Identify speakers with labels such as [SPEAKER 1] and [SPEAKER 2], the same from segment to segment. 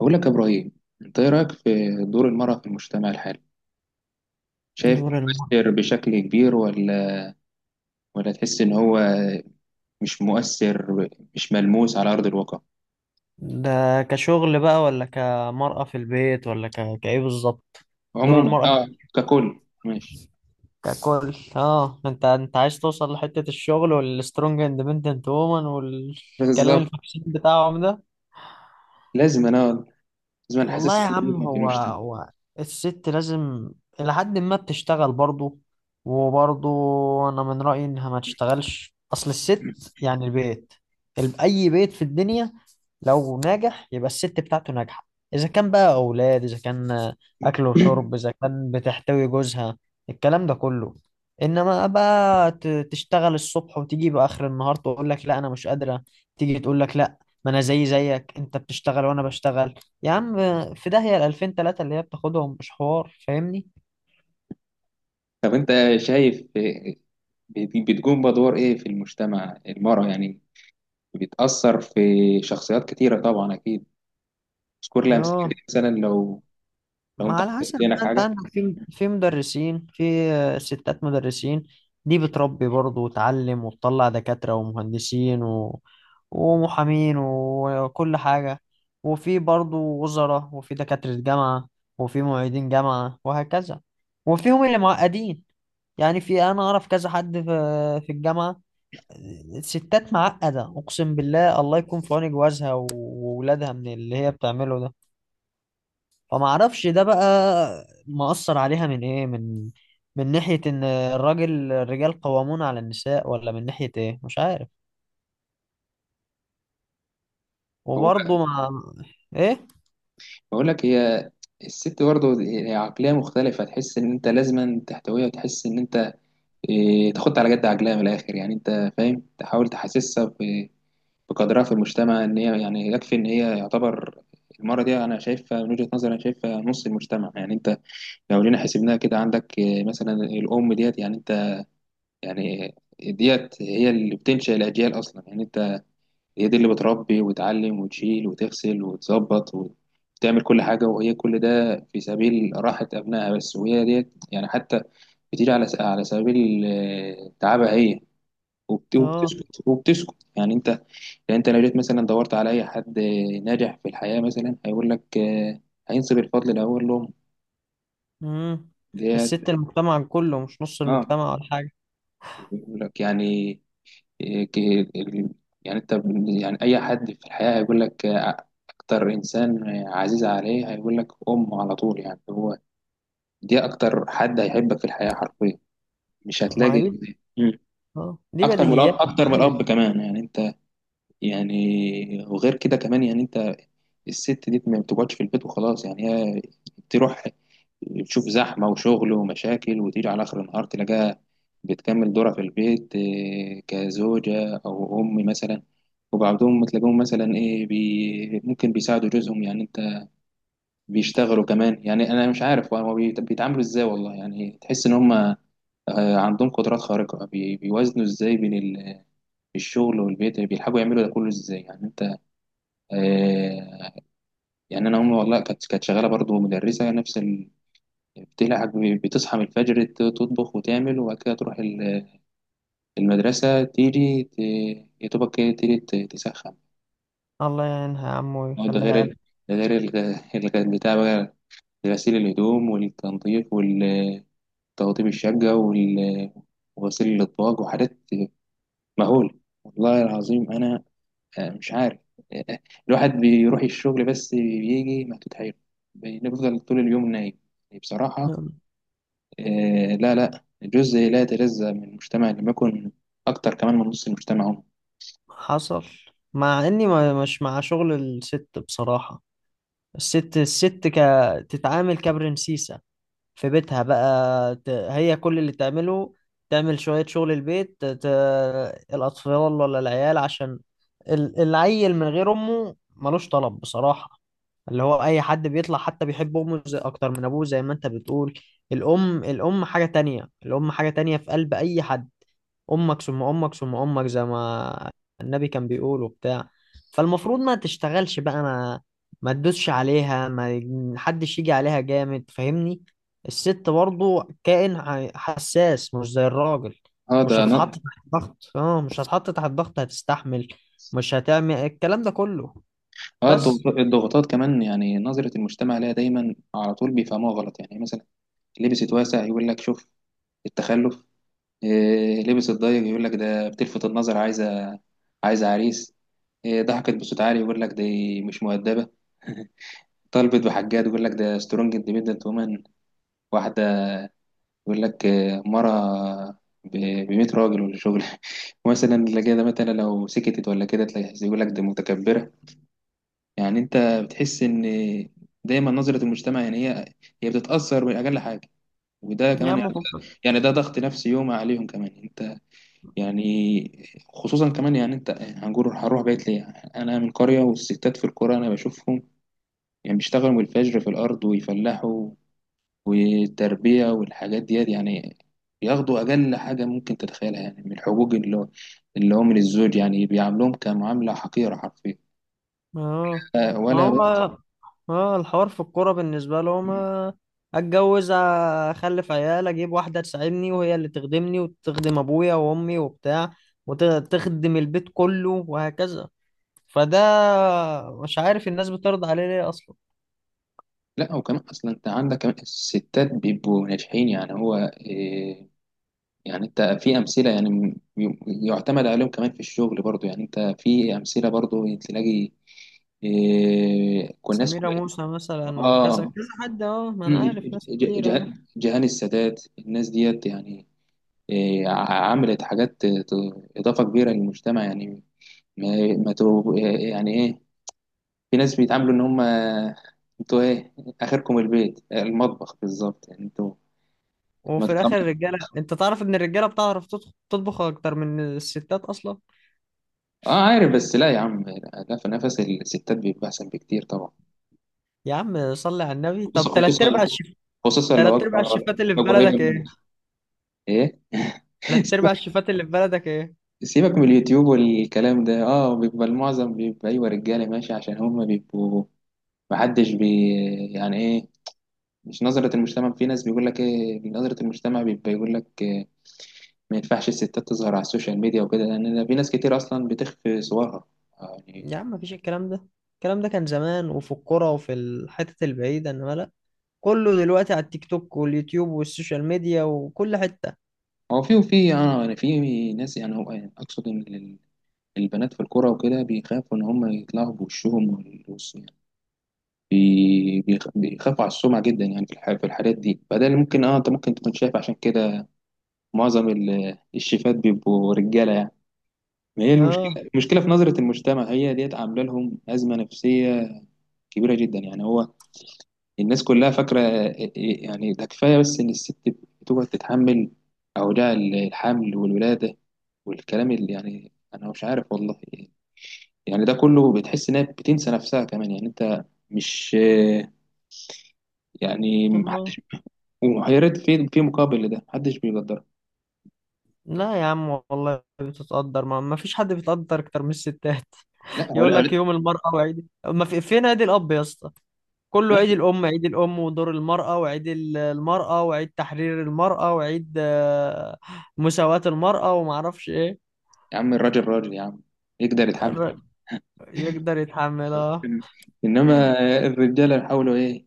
[SPEAKER 1] بقول لك يا إبراهيم، أنت إيه رأيك في دور المرأة في المجتمع الحالي؟ شايف
[SPEAKER 2] دور المرأة
[SPEAKER 1] مؤثر بشكل كبير ولا تحس إن هو مش مؤثر، مش ملموس على أرض الواقع؟
[SPEAKER 2] ده كشغل بقى ولا كمرأة في البيت ولا كإيه بالظبط؟ دور
[SPEAKER 1] عموما
[SPEAKER 2] المرأة
[SPEAKER 1] أه، ككل ماشي.
[SPEAKER 2] ككل. اه انت عايز توصل لحتة الشغل والسترونج اندبندنت وومن والكلام
[SPEAKER 1] بالظبط،
[SPEAKER 2] الفاكسين بتاعهم ده.
[SPEAKER 1] لازم أنا لازم أنا
[SPEAKER 2] والله
[SPEAKER 1] حاسسهم
[SPEAKER 2] يا عم،
[SPEAKER 1] بيهم في
[SPEAKER 2] هو
[SPEAKER 1] المجتمع.
[SPEAKER 2] هو الست لازم إلى حد ما بتشتغل برضه، وبرضه أنا من رأيي إنها ما تشتغلش. أصل الست يعني البيت، أي بيت في الدنيا لو ناجح يبقى الست بتاعته ناجحة، إذا كان بقى أولاد، إذا كان أكل وشرب، إذا كان بتحتوي جوزها، الكلام ده كله. إنما بقى تشتغل الصبح وتيجي بآخر النهار تقول لك لا أنا مش قادرة، تيجي تقول لك لا ما أنا زي أنت بتشتغل وأنا بشتغل. يا عم في داهية ال 2000 3 اللي هي بتاخدهم، مش حوار، فاهمني.
[SPEAKER 1] طب أنت شايف بتقوم بدور إيه في المجتمع المرأة يعني، بتأثر في شخصيات كتيرة طبعا أكيد. اذكر لي أمثلة كده
[SPEAKER 2] اه
[SPEAKER 1] مثلا، لو
[SPEAKER 2] ما
[SPEAKER 1] أنت
[SPEAKER 2] على
[SPEAKER 1] حطيت
[SPEAKER 2] حسب
[SPEAKER 1] في عينك
[SPEAKER 2] بقى، انت
[SPEAKER 1] حاجة.
[SPEAKER 2] عندك في مدرسين، في ستات مدرسين، دي بتربي برضه وتعلم وتطلع دكاترة ومهندسين ومحامين وكل حاجة، وفي برضه وزراء، وفي دكاترة جامعة، وفي معيدين جامعة وهكذا. وفيهم اللي معقدين، يعني في، انا اعرف كذا حد في في الجامعة الستات معقدة، أقسم بالله الله يكون في عون جوازها وولادها من اللي هي بتعمله ده. فما أعرفش ده بقى مأثر عليها من إيه، من من ناحية إن الرجال قوامون على النساء، ولا من ناحية إيه، مش عارف. وبرضه مع، إيه،
[SPEAKER 1] بقول لك هي الست برضه، هي عقلية مختلفة، تحس إن أنت لازما تحتويها، وتحس إن أنت تاخد على جد عقلها من الآخر. يعني أنت فاهم، تحاول تحسسها بقدرها في المجتمع، إن هي يعني يكفي إن هي يعتبر. المرة دي أنا شايفها من وجهة نظري، أنا شايفها نص المجتمع. يعني أنت لو جينا حسبناها كده، عندك مثلا الأم ديت، يعني أنت يعني ديت هي اللي بتنشئ الأجيال أصلا يعني. هي دي اللي بتربي وتعلم وتشيل وتغسل وتظبط وتعمل كل حاجة، وهي كل ده في سبيل راحة أبنائها بس. وهي ديت يعني حتى بتيجي على سبيل تعبها هي
[SPEAKER 2] آه.
[SPEAKER 1] وبتسكت، يعني أنت يعني أنت لو جيت مثلا دورت على أي حد ناجح في الحياة، مثلا هيقول لك هينسب الفضل الأول لهم،
[SPEAKER 2] مم.
[SPEAKER 1] ديت.
[SPEAKER 2] الست المجتمع كله، مش نص
[SPEAKER 1] اه،
[SPEAKER 2] المجتمع ولا حاجة.
[SPEAKER 1] يقول لك يعني إيه، ك- ال- يعني انت، يعني اي حد في الحياة هيقول لك اكتر انسان عزيز عليه هيقول لك امه على طول. يعني هو دي اكتر حد هيحبك في الحياة حرفيا، مش
[SPEAKER 2] ما
[SPEAKER 1] هتلاقي.
[SPEAKER 2] هي دي،
[SPEAKER 1] مم.
[SPEAKER 2] آه دي
[SPEAKER 1] اكتر من الاب،
[SPEAKER 2] بديهيات يا
[SPEAKER 1] اكتر من
[SPEAKER 2] معلم.
[SPEAKER 1] الاب كمان، يعني انت، يعني وغير كده كمان يعني انت، الست دي ما بتقعدش في البيت وخلاص. يعني هي تروح تشوف زحمة وشغل ومشاكل، وتيجي على آخر النهار تلاقيها بتكمل دورها في البيت، كزوجة أو أم مثلا. وبعضهم تلاقيهم مثلا إيه بي ممكن بيساعدوا جوزهم، يعني أنت، بيشتغلوا كمان. يعني أنا مش عارف هو بيتعاملوا إزاي والله. يعني تحس إن هم عندهم قدرات خارقة، بيوازنوا إزاي بين الشغل والبيت، بيلحقوا يعملوا ده كله إزاي؟ يعني أنت آه، يعني انا امي والله كانت شغاله برضه، مدرسه، نفس بتلعب، بتصحى من الفجر تطبخ وتعمل، وبعد كده تروح المدرسه، تيجي يا دوبك كده تيجي تسخن.
[SPEAKER 2] الله يعينها يا عم
[SPEAKER 1] هو ده غير
[SPEAKER 2] ويخليها
[SPEAKER 1] ده غير بتاع بقى غسيل الهدوم والتنظيف والتوضيب الشقه وغسيل الاطباق وحاجات مهوله. والله العظيم انا مش عارف. آه، الواحد بيروح الشغل بس، بيجي مكتوت حيله، بنفضل طول اليوم نايم بصراحة.
[SPEAKER 2] لك.
[SPEAKER 1] لا لا، جزء لا يتجزأ من المجتمع، لما يكون أكتر كمان من نص المجتمع هم.
[SPEAKER 2] حصل. مع اني ما مش مع شغل الست بصراحة. الست تتعامل كبرنسيسة في بيتها بقى، هي كل اللي تعمله تعمل شوية شغل البيت، الأطفال ولا العيال، عشان العيل من غير أمه ملوش طلب بصراحة. اللي هو أي حد بيطلع حتى بيحب أمه أكتر من أبوه، زي ما أنت بتقول. الأم حاجة تانية، الأم حاجة تانية في قلب أي حد. امك ثم امك ثم امك زي ما النبي كان بيقول وبتاع. فالمفروض ما تشتغلش بقى، ما ما تدوسش عليها، ما حدش يجي عليها جامد، فاهمني. الست برضو كائن حساس، مش زي الراجل،
[SPEAKER 1] اه. ده
[SPEAKER 2] مش هتتحط
[SPEAKER 1] ن-
[SPEAKER 2] تحت ضغط. اه مش هتتحط تحت ضغط، هتستحمل، مش هتعمل الكلام ده كله.
[SPEAKER 1] اه الضغط-
[SPEAKER 2] بس.
[SPEAKER 1] الضغوطات كمان، يعني نظرة المجتمع لها دايما على طول بيفهموها غلط. يعني مثلا لبست واسع يقول لك شوف التخلف، لبست ضيق يقول لك ده بتلفت النظر، عايزة عريس، ضحكت بصوت عالي يقول لك دي مش مؤدبة، طلبت بحاجات يقول لك ده سترونج اندبندنت وومن، واحدة يقول لك مرة ب 100 راجل ولا شغل، مثلا، اللي كده مثلا لو سكتت ولا كده تلاقي يقول لك دي متكبرة. يعني انت بتحس ان دايما نظرة المجتمع، يعني هي بتتأثر بأقل حاجة. وده
[SPEAKER 2] يا
[SPEAKER 1] كمان
[SPEAKER 2] عم
[SPEAKER 1] يعني ده ضغط نفسي يوم عليهم كمان. انت يعني خصوصا كمان يعني انت، هنقول هنروح بيت ليه، انا من قرية والستات في القرى انا بشوفهم، يعني بيشتغلوا من الفجر في الارض ويفلحوا، والتربية والحاجات ديت، يعني بياخدوا أقل حاجة ممكن تتخيلها يعني من الحقوق، اللي هو من الزوج. يعني بيعاملوهم كمعاملة حقيرة حرفيا،
[SPEAKER 2] اه. ما
[SPEAKER 1] ولا
[SPEAKER 2] هو
[SPEAKER 1] بقى.
[SPEAKER 2] اه الحوار في الكوره بالنسبه لهم، اتجوز، اخلف عيال، اجيب واحده تساعدني وهي اللي تخدمني وتخدم ابويا وامي وبتاع، وتخدم البيت كله وهكذا. فده، مش عارف الناس بترضى عليه ليه اصلا.
[SPEAKER 1] لا، وكمان أصلا أنت عندك كمان الستات بيبقوا ناجحين. يعني هو إيه، يعني أنت في أمثلة يعني يعتمد عليهم كمان في الشغل برضو. يعني أنت في أمثلة برضو تلاقي، إيه، كل ناس
[SPEAKER 2] سميرة
[SPEAKER 1] كويسة.
[SPEAKER 2] موسى مثلا وكذا
[SPEAKER 1] آه.
[SPEAKER 2] كذا حد، اه ما انا عارف ناس كتير اه.
[SPEAKER 1] جهان السادات، الناس ديت يعني عملت حاجات إضافة كبيرة للمجتمع يعني. ما ما تو- يعني إيه، في ناس بيتعاملوا إن هم أنتوا إيه، آخركم البيت، المطبخ، بالظبط. يعني أنتوا ما
[SPEAKER 2] وفي الاخر
[SPEAKER 1] تطلعوا.
[SPEAKER 2] الرجاله انت تعرف ان الرجاله بتعرف تطبخ، اكتر من الستات اصلا.
[SPEAKER 1] آه عارف، بس لا يا عم، لا لا، في نفس الستات بيبقى أحسن بكتير طبعا،
[SPEAKER 2] يا عم صلي على النبي،
[SPEAKER 1] خصوصا،
[SPEAKER 2] طب تلات
[SPEAKER 1] خصوصا
[SPEAKER 2] ارباع الشيف،
[SPEAKER 1] خصوصا لو
[SPEAKER 2] تلات ارباع
[SPEAKER 1] وجبة
[SPEAKER 2] الشيفات اللي في
[SPEAKER 1] لو قريبة
[SPEAKER 2] بلدك
[SPEAKER 1] منك،
[SPEAKER 2] ايه،
[SPEAKER 1] إيه
[SPEAKER 2] تلات ارباع
[SPEAKER 1] سيبك
[SPEAKER 2] الشيفات اللي في بلدك ايه.
[SPEAKER 1] سيبك من اليوتيوب والكلام ده. اه، بيبقى المعظم بيبقى ايوه رجاله، ماشي، عشان هم بيبقوا محدش يعني ايه، مش نظرة المجتمع. في ناس بيقول لك ايه، نظرة المجتمع بيبقى يقول لك إيه، ما ينفعش الستات تظهر على السوشيال ميديا وكده، لان في ناس كتير اصلا بتخفي صورها يعني.
[SPEAKER 2] يا عم مفيش الكلام ده، الكلام ده كان زمان وفي القرى وفي الحتت البعيدة، انما لا، كله دلوقتي على التيك توك واليوتيوب والسوشيال ميديا وكل حتة.
[SPEAKER 1] هو في اه، يعني في ناس، يعني هو يعني اقصد ان البنات في الكوره وكده بيخافوا ان هم يطلعوا بوشهم يعني بيخافوا على السمعه جدا يعني في في الحاجات دي. فده اللي ممكن، اه انت ممكن تكون شايف عشان كده معظم الشيفات بيبقوا رجاله يعني. ما هي
[SPEAKER 2] اه.
[SPEAKER 1] المشكله في نظره المجتمع، هي ديت عامله لهم ازمه نفسيه كبيره جدا يعني. هو الناس كلها فاكره يعني ده كفايه بس ان الست بتقعد تتحمل اوجاع الحمل والولاده والكلام اللي، يعني انا مش عارف والله، يعني ده كله بتحس انها بتنسى نفسها كمان. يعني انت مش، يعني
[SPEAKER 2] اه
[SPEAKER 1] محدش، ويا ريت في مقابل لده محدش بيقدرها.
[SPEAKER 2] لا يا عم والله بتتقدر، ما فيش حد بيتقدر اكتر من الستات.
[SPEAKER 1] لا هو،
[SPEAKER 2] يقول
[SPEAKER 1] لا هو،
[SPEAKER 2] لك
[SPEAKER 1] لا،
[SPEAKER 2] يوم المرأة وعيد، ما في فين عيد الأب يا اسطى، كله
[SPEAKER 1] ماشي،
[SPEAKER 2] عيد الأم، عيد الأم ودور المرأة وعيد المرأة وعيد تحرير المرأة وعيد، مساواة المرأة وما اعرفش ايه.
[SPEAKER 1] يا عم الراجل راجل يا عم، يقدر يتحمل.
[SPEAKER 2] الر- يقدر يتحملها.
[SPEAKER 1] انما الرجاله حاولوا ايه،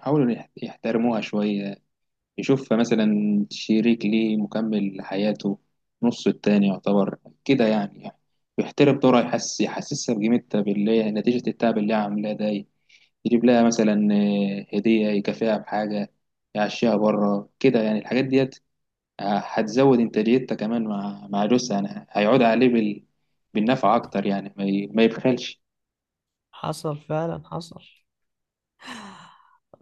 [SPEAKER 1] حاولوا يحترموها شويه، يشوف مثلا شريك ليه مكمل لحياته، نص التاني يعتبر كده يعني يحترم دورها، يحسسها بقيمتها باللي هي نتيجة التعب اللي هي عاملاه ده، يجيب لها مثلا هدية، يكافئها بحاجة، يعشيها بره كده، يعني الحاجات ديت هتزود إنتاجيتها كمان مع جوزها، يعني هيعود عليه بالنفع أكتر يعني. ما يبخلش.
[SPEAKER 2] حصل فعلا، حصل.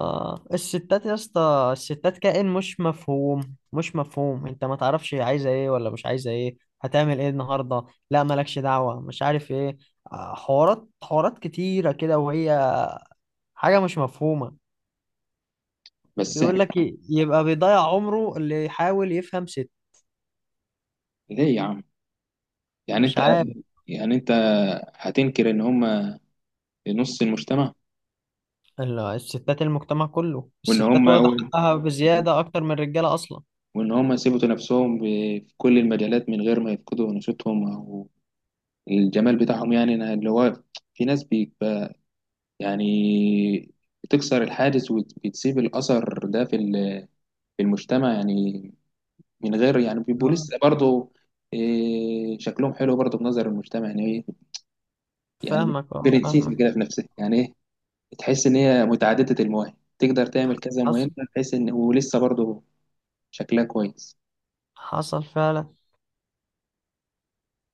[SPEAKER 2] اه الستات يا اسطى الستات كائن مش مفهوم، مش مفهوم، انت ما تعرفش هي عايزه ايه ولا مش عايزه ايه، هتعمل ايه النهارده، لا مالكش دعوه، مش عارف ايه، حوارات كتيره كده، وهي حاجه مش مفهومه.
[SPEAKER 1] بس
[SPEAKER 2] بيقول لك
[SPEAKER 1] إحنا
[SPEAKER 2] يبقى بيضيع عمره اللي يحاول يفهم ست.
[SPEAKER 1] ليه يا عم، يعني
[SPEAKER 2] مش
[SPEAKER 1] أنت
[SPEAKER 2] عارف.
[SPEAKER 1] يعني أنت هتنكر إن هما نص المجتمع؟
[SPEAKER 2] الستات المجتمع كله،
[SPEAKER 1] وإن
[SPEAKER 2] الستات
[SPEAKER 1] هما،
[SPEAKER 2] واخده حقها بزياده اكتر من الرجاله اصلا.
[SPEAKER 1] وإن هم يثبتوا نفسهم في كل المجالات من غير ما يفقدوا نشاطهم أو الجمال بتاعهم، يعني أنا اللي هو في ناس بيبقى يعني بتكسر الحاجز وبتسيب الأثر ده في في المجتمع يعني، من غير يعني بيبقوا
[SPEAKER 2] اه
[SPEAKER 1] لسه برضه شكلهم حلو برضه في نظر المجتمع. يعني إيه يعني،
[SPEAKER 2] فاهمك، اه
[SPEAKER 1] برنسيس
[SPEAKER 2] فاهمك.
[SPEAKER 1] كده في نفسها. يعني إيه، تحس إن هي متعددة المواهب، تقدر تعمل كذا
[SPEAKER 2] حصل،
[SPEAKER 1] مهمة، تحس إن ولسه برضه شكلها كويس.
[SPEAKER 2] حصل فعلا.